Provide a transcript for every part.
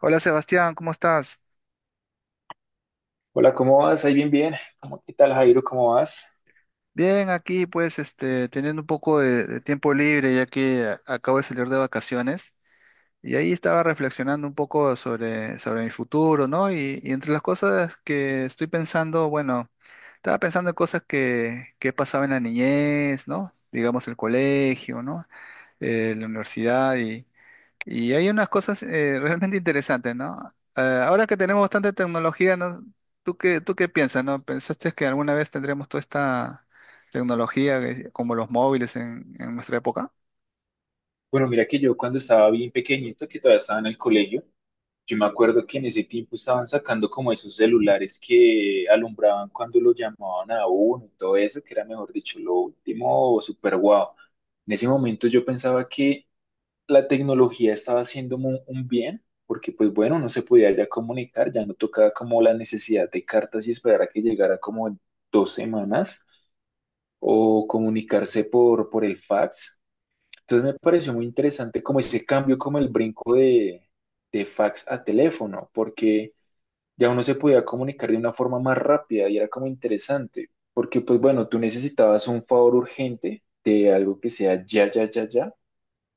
Hola Sebastián, ¿cómo estás? Hola, ¿cómo vas? Ahí bien, bien. ¿Cómo, qué tal, Jairo? ¿Cómo vas? Bien, aquí pues este, teniendo un poco de tiempo libre ya que acabo de salir de vacaciones y ahí estaba reflexionando un poco sobre mi futuro, ¿no? Y entre las cosas que estoy pensando, bueno, estaba pensando en cosas que he pasado en la niñez, ¿no? Digamos el colegio, ¿no? La universidad. Y hay unas cosas realmente interesantes, ¿no? Ahora que tenemos bastante tecnología, ¿no? ¿Tú qué piensas, no? ¿Pensaste que alguna vez tendremos toda esta tecnología como los móviles en nuestra época? Bueno, mira que yo cuando estaba bien pequeñito, que todavía estaba en el colegio, yo me acuerdo que en ese tiempo estaban sacando como esos celulares que alumbraban cuando lo llamaban a uno y todo eso, que era mejor dicho, lo último o super guau. En ese momento yo pensaba que la tecnología estaba haciendo un bien, porque pues bueno, uno se podía ya comunicar, ya no tocaba como la necesidad de cartas y esperar a que llegara como en 2 semanas o comunicarse por el fax. Entonces me pareció muy interesante como ese cambio, como el brinco de fax a teléfono, porque ya uno se podía comunicar de una forma más rápida y era como interesante, porque pues bueno, tú necesitabas un favor urgente de algo que sea ya, ya, ya, ya.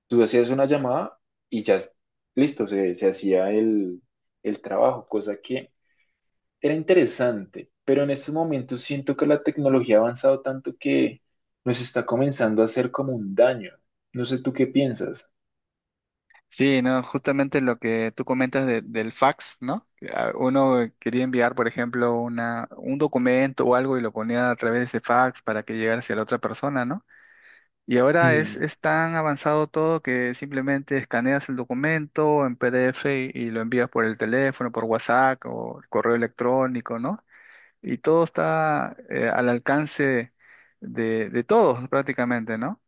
Tú hacías una llamada y ya, listo, se hacía el trabajo, cosa que... Era interesante, pero en estos momentos siento que la tecnología ha avanzado tanto que nos está comenzando a hacer como un daño. No sé tú qué piensas. Sí, ¿no? Justamente lo que tú comentas del fax, ¿no? Uno quería enviar, por ejemplo, un documento o algo y lo ponía a través de ese fax para que llegara hacia la otra persona, ¿no? Y ahora Mm. es tan avanzado todo que simplemente escaneas el documento en PDF y lo envías por el teléfono, por WhatsApp o el correo electrónico, ¿no? Y todo está al alcance de todos prácticamente, ¿no?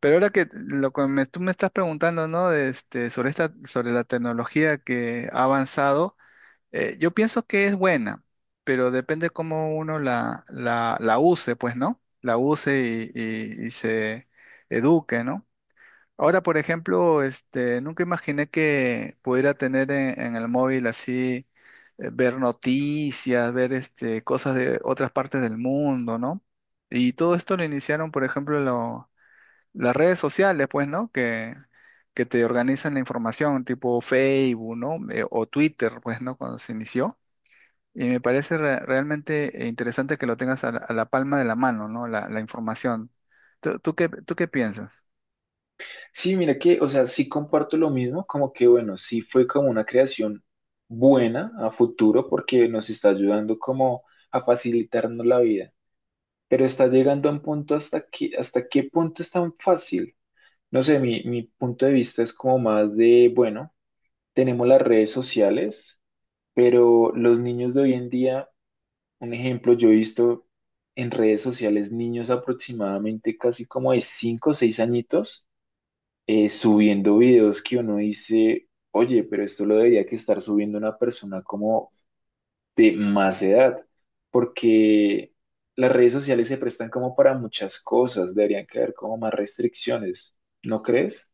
Pero ahora que lo que tú me estás preguntando, ¿no? De este, sobre esta, sobre la tecnología que ha avanzado, yo pienso que es buena, pero depende cómo uno la use, pues, ¿no? La use y se eduque, ¿no? Ahora, por ejemplo, este, nunca imaginé que pudiera tener en el móvil así, ver noticias, ver este, cosas de otras partes del mundo, ¿no? Y todo esto lo iniciaron, por ejemplo, las redes sociales, pues, ¿no? Que te organizan la información, tipo Facebook, ¿no? O Twitter, pues, ¿no? Cuando se inició. Y me parece realmente interesante que lo tengas a a la palma de la mano, ¿no? La información. ¿Tú qué piensas? Sí, mira que, o sea, sí comparto lo mismo, como que bueno, sí fue como una creación buena a futuro porque nos está ayudando como a facilitarnos la vida, pero está llegando a un punto hasta que, hasta qué punto es tan fácil. No sé, mi punto de vista es como más de, bueno, tenemos las redes sociales. Pero los niños de hoy en día, un ejemplo, yo he visto en redes sociales niños aproximadamente casi como de 5 o 6 añitos subiendo videos que uno dice, oye, pero esto lo debería que estar subiendo una persona como de más edad, porque las redes sociales se prestan como para muchas cosas, deberían que haber como más restricciones, ¿no crees?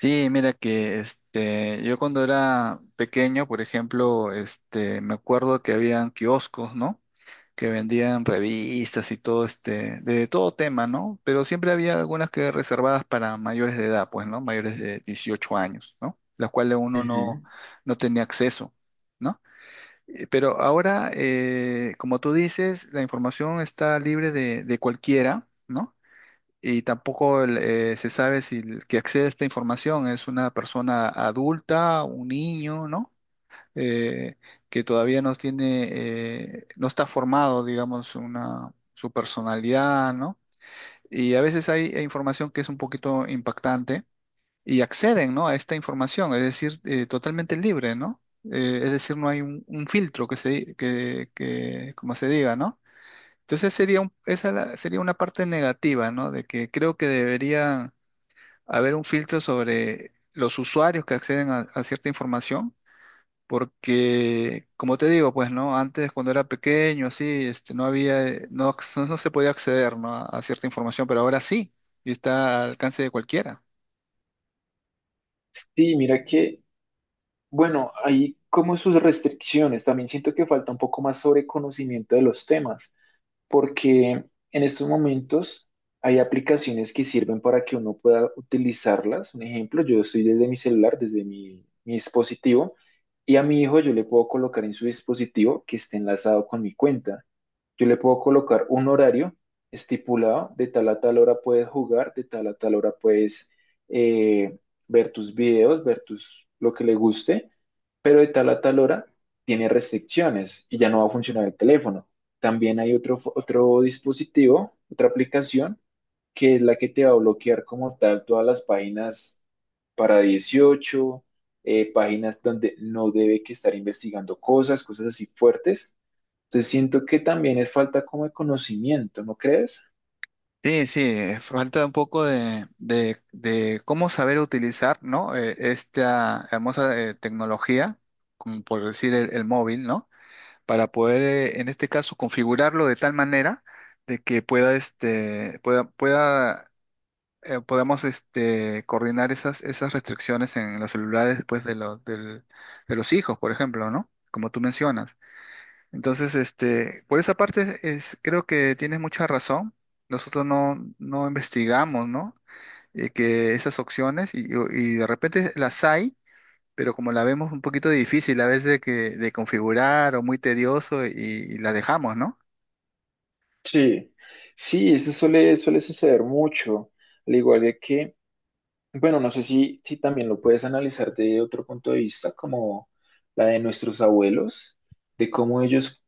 Sí, mira que este, yo cuando era pequeño, por ejemplo, este, me acuerdo que habían kioscos, ¿no? Que vendían revistas y todo, este, de todo tema, ¿no? Pero siempre había algunas que reservadas para mayores de edad, pues, ¿no? Mayores de 18 años, ¿no? Las cuales uno Ujú. no tenía acceso, ¿no? Pero ahora, como tú dices, la información está libre de cualquiera, ¿no? Y tampoco se sabe si el que accede a esta información es una persona adulta, un niño, ¿no? Eh, que todavía no tiene, no está formado, digamos, una, su personalidad, ¿no? Y a veces hay información que es un poquito impactante y acceden, ¿no? A esta información, es decir, totalmente libre, ¿no? Es decir, no hay un filtro que que, como se diga, ¿no? Entonces sería sería una parte negativa, ¿no? De que creo que debería haber un filtro sobre los usuarios que acceden a cierta información, porque, como te digo, pues, ¿no? Antes, cuando era pequeño, así, este, no había, no se podía acceder, ¿no? A cierta información, pero ahora sí, y está al alcance de cualquiera. Sí, mira que bueno, hay como sus restricciones. También siento que falta un poco más sobre conocimiento de los temas, porque en estos momentos hay aplicaciones que sirven para que uno pueda utilizarlas. Un ejemplo, yo estoy desde mi celular, desde mi dispositivo, y a mi hijo yo le puedo colocar en su dispositivo que esté enlazado con mi cuenta. Yo le puedo colocar un horario estipulado, de tal a tal hora puedes jugar, de tal a tal hora puedes eh, ver tus videos, ver tus, lo que le guste, pero de tal a tal hora tiene restricciones y ya no va a funcionar el teléfono. También hay otro dispositivo, otra aplicación, que es la que te va a bloquear como tal todas las páginas para 18, páginas donde no debe que estar investigando cosas, cosas así fuertes. Entonces siento que también es falta como de conocimiento, ¿no crees? Sí, sí, falta un poco de cómo saber utilizar, ¿no? Esta hermosa tecnología, como por decir el móvil, ¿no? Para poder, en este caso, configurarlo de tal manera de que pueda, pueda, podamos, este, coordinar esas restricciones en los celulares, pues, de de los hijos, por ejemplo, ¿no? Como tú mencionas. Entonces, este, por esa parte es, creo que tienes mucha razón. Nosotros no investigamos, ¿no? Que esas opciones y de repente las hay, pero como la vemos un poquito difícil a veces de configurar o muy tedioso y la dejamos, ¿no? Sí, sí, eso suele, suele suceder mucho, al igual de que, bueno, no sé si también lo puedes analizar de otro punto de vista, como la de nuestros abuelos, de cómo ellos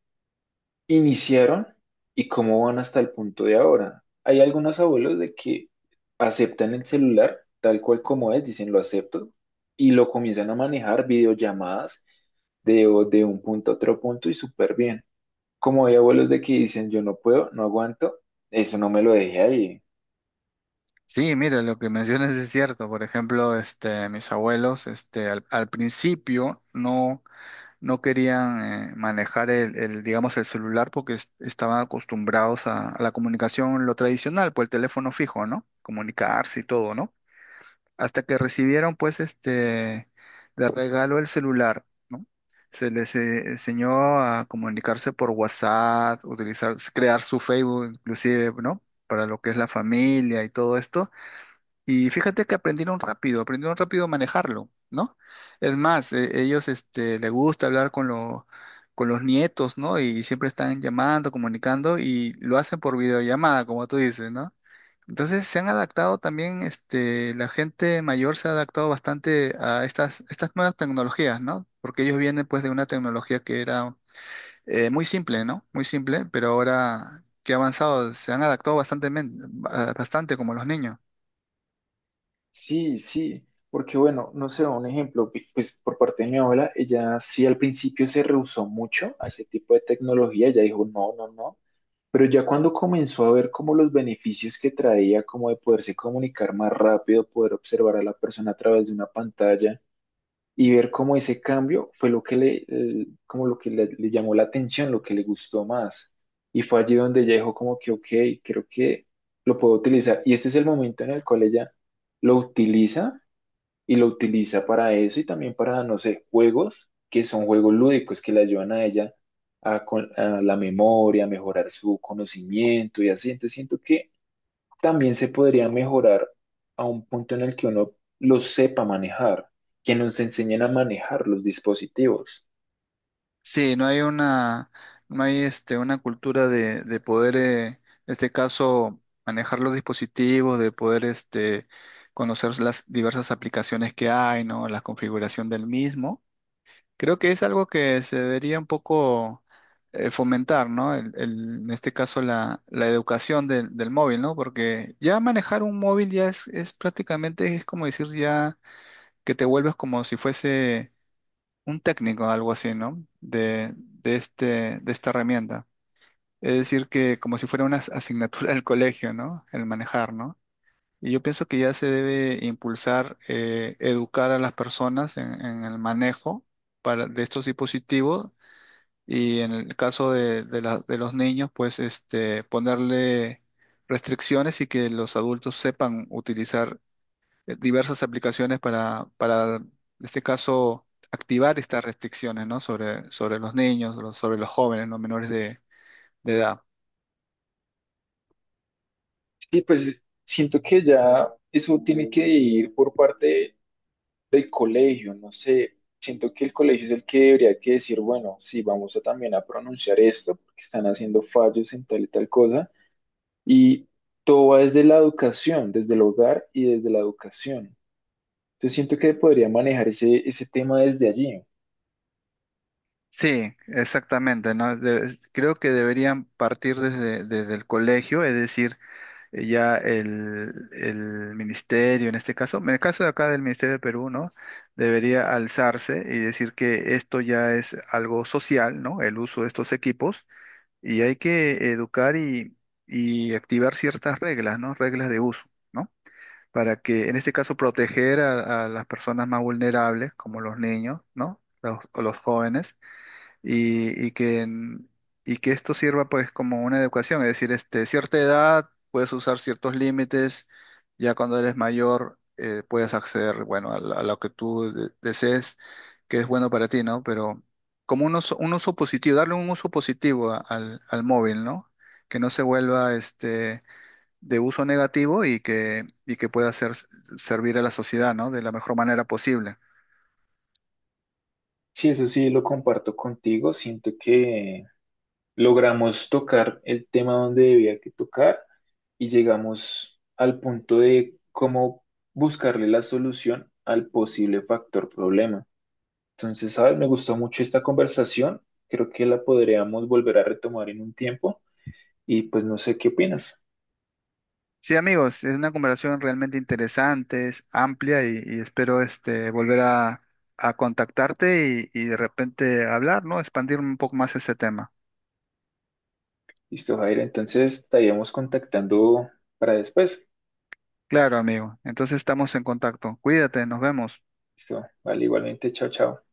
iniciaron y cómo van hasta el punto de ahora. Hay algunos abuelos de que aceptan el celular tal cual como es, dicen lo acepto, y lo comienzan a manejar videollamadas de un punto a otro punto y súper bien. Como hay abuelos de que dicen, yo no puedo, no aguanto, eso no me lo dejé ahí. Sí, mira, lo que mencionas es cierto. Por ejemplo, este, mis abuelos, este, al principio no querían manejar digamos, el celular porque estaban acostumbrados a la comunicación, lo tradicional, pues el teléfono fijo, ¿no? Comunicarse y todo, ¿no? Hasta que recibieron, pues, este, de regalo el celular, ¿no? Se les enseñó a comunicarse por WhatsApp, utilizar, crear su Facebook, inclusive, ¿no? Para lo que es la familia y todo esto. Y fíjate que aprendieron rápido a manejarlo, ¿no? Es más, ellos este, les gusta hablar con los nietos, ¿no? Y siempre están llamando, comunicando y lo hacen por videollamada, como tú dices, ¿no? Entonces se han adaptado también, este, la gente mayor se ha adaptado bastante a estas nuevas tecnologías, ¿no? Porque ellos vienen pues de una tecnología que era muy simple, ¿no? Muy simple, pero ahora que ha avanzado, se han adaptado bastante, bastante como los niños. Sí, sí, porque bueno, no sé, un ejemplo, pues por parte de mi abuela, ella sí al principio se rehusó mucho a ese tipo de tecnología, ella dijo, no, no, no, pero ya cuando comenzó a ver como los beneficios que traía, como de poderse comunicar más rápido, poder observar a la persona a través de una pantalla, y ver cómo ese cambio fue lo que le, como lo que le llamó la atención, lo que le gustó más. Y fue allí donde ella dijo como que, ok, creo que lo puedo utilizar. Y este es el momento en el cual ella lo utiliza y lo utiliza para eso y también para, no sé, juegos que son juegos lúdicos que le ayudan a ella a, a la memoria, a mejorar su conocimiento y así. Entonces siento que también se podría mejorar a un punto en el que uno lo sepa manejar, que nos enseñen a manejar los dispositivos. Sí, no hay no hay este, una cultura de poder, en este caso, manejar los dispositivos, de poder este, conocer las diversas aplicaciones que hay, ¿no? La configuración del mismo. Creo que es algo que se debería un poco fomentar, ¿no? En este caso, la educación del móvil, ¿no? Porque ya manejar un móvil ya es prácticamente, es como decir ya que te vuelves como si fuese un técnico, algo así, ¿no? De esta herramienta. Es decir, que como si fuera una asignatura del colegio, ¿no? El manejar, ¿no? Y yo pienso que ya se debe impulsar, educar a las personas en el manejo de estos dispositivos y en el caso de los niños, pues este, ponerle restricciones y que los adultos sepan utilizar diversas aplicaciones en este caso, activar estas restricciones, ¿no? Sobre los niños, sobre los jóvenes, los menores de edad. Y pues siento que ya eso tiene que ir por parte del colegio, no sé, siento que el colegio es el que debería que decir, bueno, sí, vamos a también a pronunciar esto, porque están haciendo fallos en tal y tal cosa, y todo va desde la educación, desde el hogar y desde la educación. Entonces siento que podría manejar ese, ese tema desde allí. Sí, exactamente, ¿no? Creo que deberían partir desde el colegio, es decir, eh, ya el, el ministerio, en este caso, en el caso de acá del Ministerio de Perú, ¿no? Debería alzarse y decir que esto ya es algo social, ¿no? El uso de estos equipos y hay que educar y activar ciertas reglas, ¿no? Reglas de uso, ¿no? Para que, en este caso, proteger a las personas más vulnerables, como los niños, ¿no? Los, o los jóvenes y, y que, en- y que esto sirva pues como una educación, es decir, este, cierta edad puedes usar ciertos límites, ya cuando eres mayor puedes acceder, bueno, a lo que tú desees, que es bueno para ti, ¿no? Pero como un uso positivo, darle un uso positivo al móvil, ¿no? Que no se vuelva este, de uso negativo y que pueda ser, servir a la sociedad, ¿no? De la mejor manera posible. Sí, eso sí, lo comparto contigo. Siento que logramos tocar el tema donde debía que tocar y llegamos al punto de cómo buscarle la solución al posible factor problema. Entonces, sabes, me gustó mucho esta conversación. Creo que la podríamos volver a retomar en un tiempo y pues no sé qué opinas. Sí, amigos, es una conversación realmente interesante, es amplia y espero este, volver a contactarte y de repente hablar, ¿no? Expandir un poco más ese tema. Listo, Jair. Entonces, estaríamos contactando para después. Claro, amigo. Entonces estamos en contacto. Cuídate, nos vemos. Listo. Vale, igualmente. Chao, chao.